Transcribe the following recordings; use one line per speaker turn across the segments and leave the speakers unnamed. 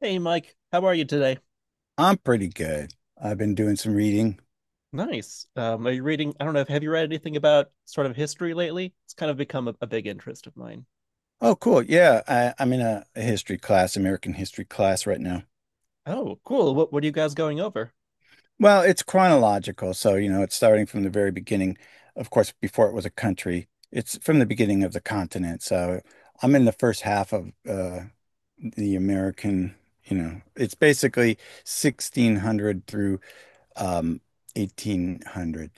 Hey, Mike, how are you today?
I'm pretty good. I've been doing some reading.
Nice. Are you reading? I don't know. Have you read anything about sort of history lately? It's kind of become a big interest of mine.
Oh, cool. Yeah, I'm in a history class, American history class right now.
Oh, cool. What are you guys going over?
Well, it's chronological, so you know, it's starting from the very beginning. Of course, before it was a country, it's from the beginning of the continent. So I'm in the first half of the American, you know, it's basically 1600 through um, 1800.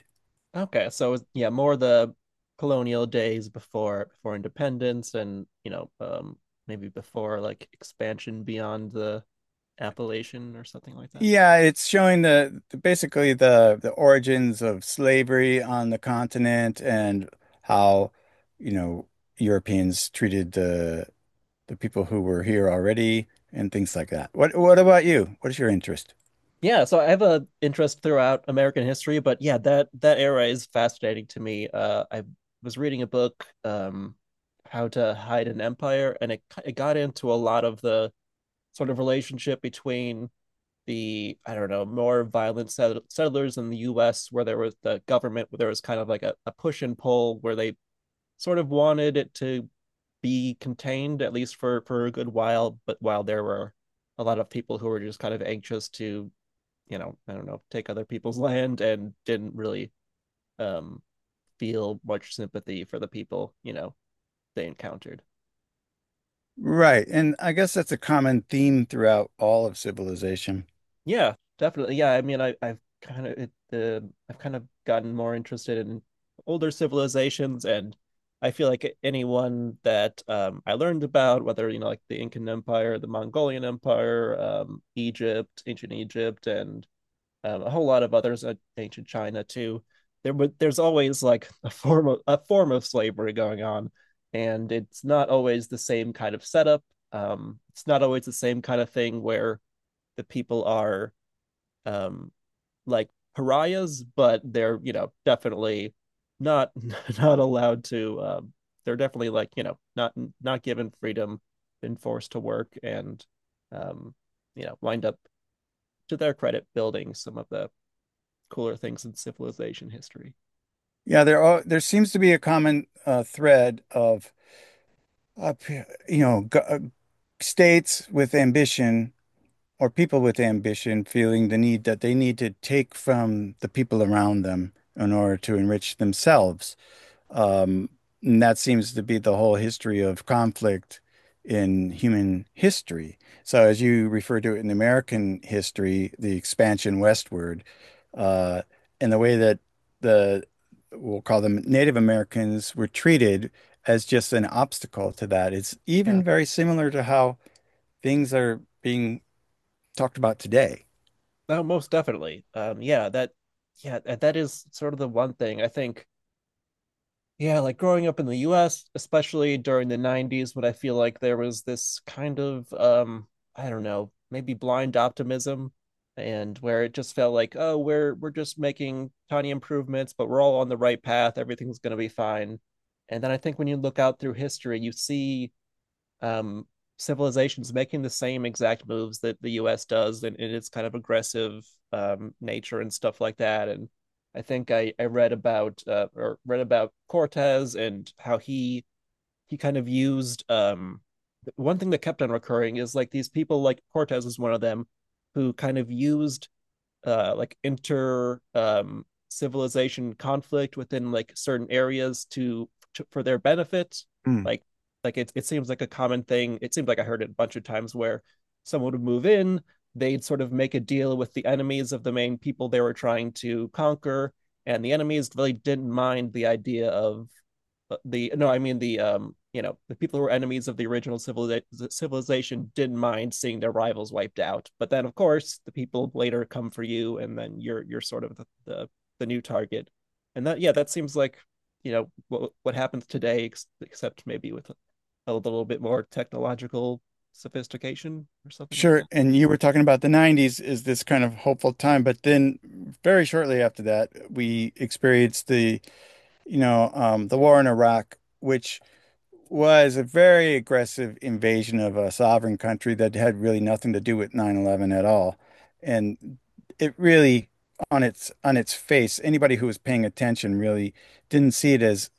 Okay, so yeah, more the colonial days before independence, and you know, maybe before like expansion beyond the Appalachian or something like that.
Yeah, it's showing basically the origins of slavery on the continent and how, you know, Europeans treated the people who were here already and things like that. What about you? What is your interest?
Yeah, so I have a interest throughout American history, but yeah, that era is fascinating to me. I was reading a book, How to Hide an Empire, and it got into a lot of the sort of relationship between the, I don't know, more violent settlers in the U.S., where there was the government, where there was kind of like a push and pull, where they sort of wanted it to be contained at least for a good while, but while there were a lot of people who were just kind of anxious to I don't know, take other people's land, and didn't really um feel much sympathy for the people they encountered.
Right, and I guess that's a common theme throughout all of civilization.
Yeah, definitely. Yeah, I mean, I've kind of gotten more interested in older civilizations. And I feel like anyone that I learned about, whether you know like the Incan Empire, the Mongolian Empire, Egypt, ancient Egypt, and a whole lot of others in ancient China too. But there's always like a form of slavery going on, and it's not always the same kind of setup. It's not always the same kind of thing where the people are um, like pariahs, but they're you know definitely not not allowed to. They're definitely like you know not given freedom, been forced to work, and um, you know wind up, to their credit, building some of the cooler things in civilization history.
Yeah, there seems to be a common thread of up, you know, states with ambition or people with ambition feeling the need that they need to take from the people around them in order to enrich themselves. Um, and that seems to be the whole history of conflict in human history. So, as you refer to it in American history, the expansion westward, uh, and the way that the we'll call them Native Americans were treated as just an obstacle to that. It's
Yeah.
even very similar to how things are being talked about today.
No, most definitely. Yeah, yeah, that is sort of the one thing I think. Yeah, like growing up in the U.S., especially during the '90s, when I feel like there was this kind of, I don't know, maybe blind optimism, and where it just felt like, oh, we're just making tiny improvements, but we're all on the right path. Everything's going to be fine. And then I think when you look out through history, you see um, civilizations making the same exact moves that the U.S. does in its kind of aggressive nature and stuff like that. And I think I read about or read about Cortez, and how he kind of used one thing that kept on recurring is like these people like Cortez is one of them, who kind of used like inter civilization conflict within like certain areas to for their benefit.
Mm.
Like it seems like a common thing. It seems like I heard it a bunch of times where someone would move in, they'd sort of make a deal with the enemies of the main people they were trying to conquer, and the enemies really didn't mind the idea of the no, I mean the you know, the people who were enemies of the original civilization didn't mind seeing their rivals wiped out. But then, of course, the people later come for you, and then you're sort of the new target. And that Yeah, that seems like you know what happens today, except maybe with a little bit more technological sophistication or something like that.
Sure. And you were talking about the 90s is this kind of hopeful time, but then very shortly after that, we experienced the the war in Iraq, which was a very aggressive invasion of a sovereign country that had really nothing to do with 9/11 at all. And it really, on its face, anybody who was paying attention really didn't see it as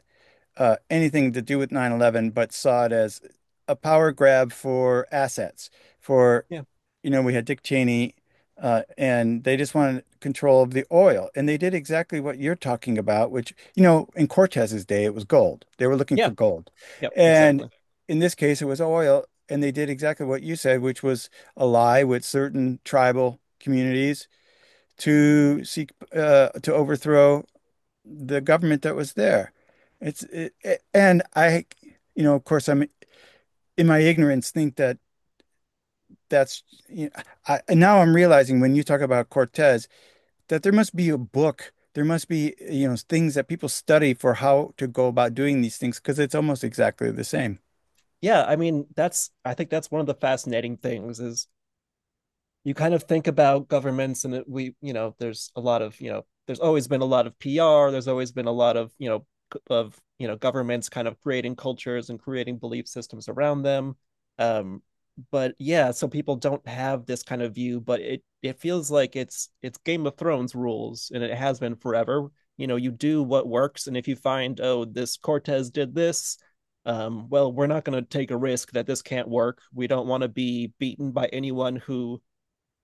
anything to do with 9/11, but saw it as a power grab for assets, for
Yeah.
you know, we had Dick Cheney, and they just wanted control of the oil. And they did exactly what you're talking about, which, you know, in Cortez's day, it was gold. They were looking for
Yeah.
gold.
Yeah,
And
exactly.
in this case, it was oil. And they did exactly what you said, which was ally with certain tribal communities to seek to overthrow the government that was there. It's it, it- and I, you know, of course, I'm in my ignorance think that that's you know, I'm realizing when you talk about Cortez that there must be a book, there must be you know things that people study for how to go about doing these things because it's almost exactly the same.
Yeah. I mean, that's I think that's one of the fascinating things is you kind of think about governments, and we you know there's a lot of you know there's always been a lot of PR, there's always been a lot of you know, governments kind of creating cultures and creating belief systems around them. um but yeah, so people don't have this kind of view, but it feels like it's Game of Thrones rules, and it has been forever. You know, you do what works, and if you find, oh, this Cortez did this, well, we're not going to take a risk that this can't work. We don't want to be beaten by anyone who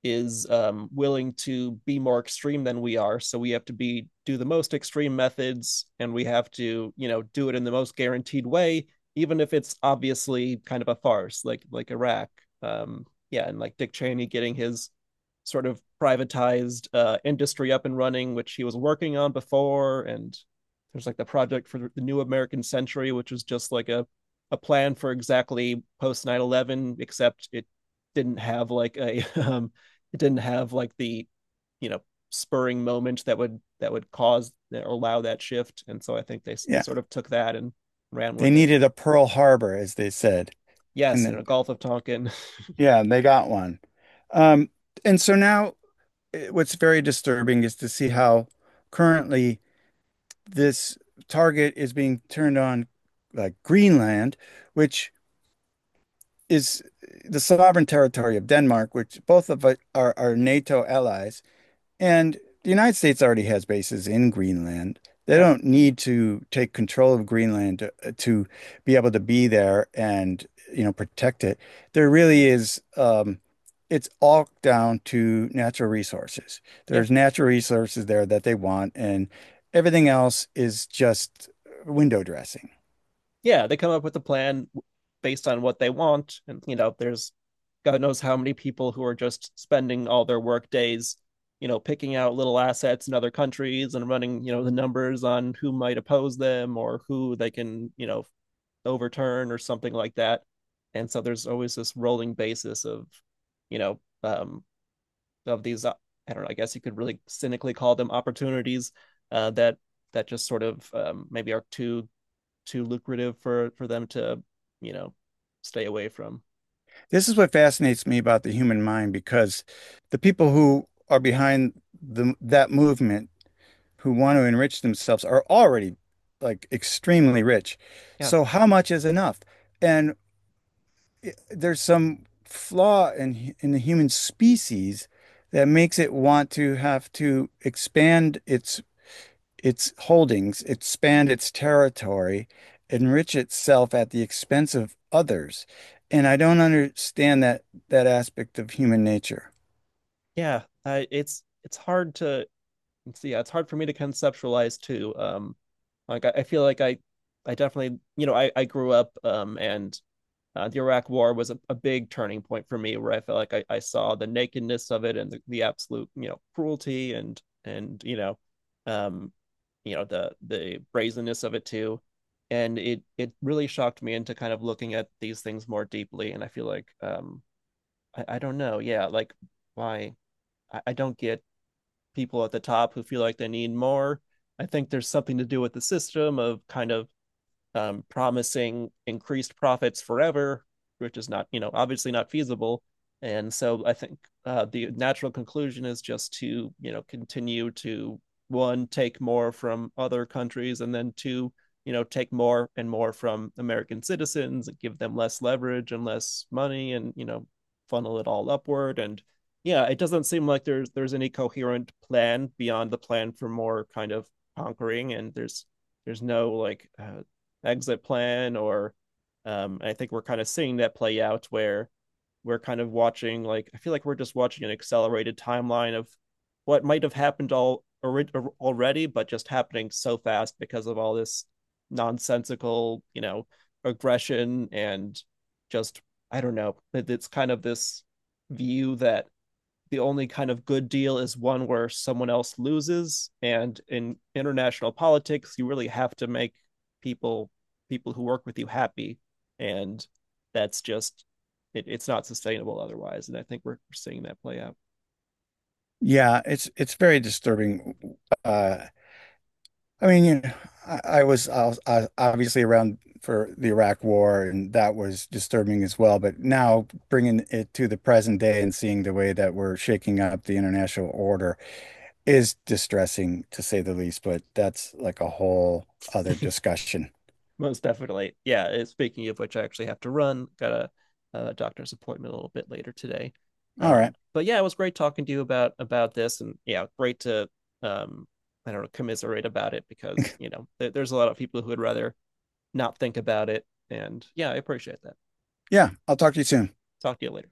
is willing to be more extreme than we are. So we have to be do the most extreme methods, and we have to you know do it in the most guaranteed way, even if it's obviously kind of a farce, like Iraq. Um, yeah, and like Dick Cheney getting his sort of privatized industry up and running, which he was working on before, and there's like the project for the new American century, which was just like a plan for exactly post 9/11, except it didn't have like a it didn't have like the you know spurring moment that would cause or allow that shift. And so I think they
Yeah,
sort of took that and ran
they
with it.
needed a Pearl Harbor, as they said, and
Yes, in a
then
gulf of tonkin.
yeah, they got one. Um, and so now what's very disturbing is to see how currently this target is being turned on like Greenland, which is the sovereign territory of Denmark, which both of us are NATO allies. And the United States already has bases in Greenland. They
Yeah.
don't need to take control of Greenland to be able to be there and, you know, protect it. There really is, it's all down to natural resources.
Yeah.
There's natural resources there that they want, and everything else is just window dressing.
Yeah, they come up with a plan based on what they want, and you know there's god knows how many people who are just spending all their work days you know picking out little assets in other countries and running you know the numbers on who might oppose them, or who they can you know overturn or something like that. And so there's always this rolling basis of, you know, of these, I don't know, I guess you could really cynically call them opportunities, uh, that that just sort of maybe are too lucrative for them to, you know, stay away from.
This is what fascinates me about the human mind because the people who are behind that movement who want to enrich themselves are already like extremely rich.
Yeah,
So how much is enough? And there's some flaw in the human species that makes it want to have to expand its holdings, expand its territory, enrich itself at the expense of others. And I don't understand that that aspect of human nature.
yeah, I, it's hard to see. Yeah, it's hard for me to conceptualize too. Like I feel like I definitely, you know, I grew up and the Iraq War was a big turning point for me, where I felt like I saw the nakedness of it, and absolute, you know, cruelty, and you know, um, you know, the brazenness of it too, and it really shocked me into kind of looking at these things more deeply. And I feel like I don't know, yeah, like why I don't get people at the top who feel like they need more. I think there's something to do with the system of kind of promising increased profits forever, which is not, you know, obviously not feasible. And so I think the natural conclusion is just to, you know, continue to one, take more from other countries, and then two, you know, take more and more from American citizens, and give them less leverage and less money, and, you know, funnel it all upward. And yeah, it doesn't seem like there's any coherent plan beyond the plan for more kind of conquering. And there's no like exit plan or I think we're kind of seeing that play out, where we're kind of watching, like I feel like we're just watching an accelerated timeline of what might have happened all already, but just happening so fast because of all this nonsensical, you know, aggression, and just I don't know. It's kind of this view that the only kind of good deal is one where someone else loses, and in international politics you really have to make people people who work with you happy, and that's just it, it's not sustainable otherwise, and I think we're seeing that play out.
Yeah, it's very disturbing uh I mean, you know, I was obviously around for the Iraq War, and that was disturbing as well. But now bringing it to the present day and seeing the way that we're shaking up the international order is distressing to say the least. But that's like a whole other discussion.
Most definitely. Yeah, speaking of which, I actually have to run, got a doctor's appointment a little bit later today.
All right.
But yeah, it was great talking to you about this, and yeah, great to um, I don't know, commiserate about it, because you know there's a lot of people who would rather not think about it. And yeah, I appreciate that.
Yeah, I'll talk to you soon.
Talk to you later.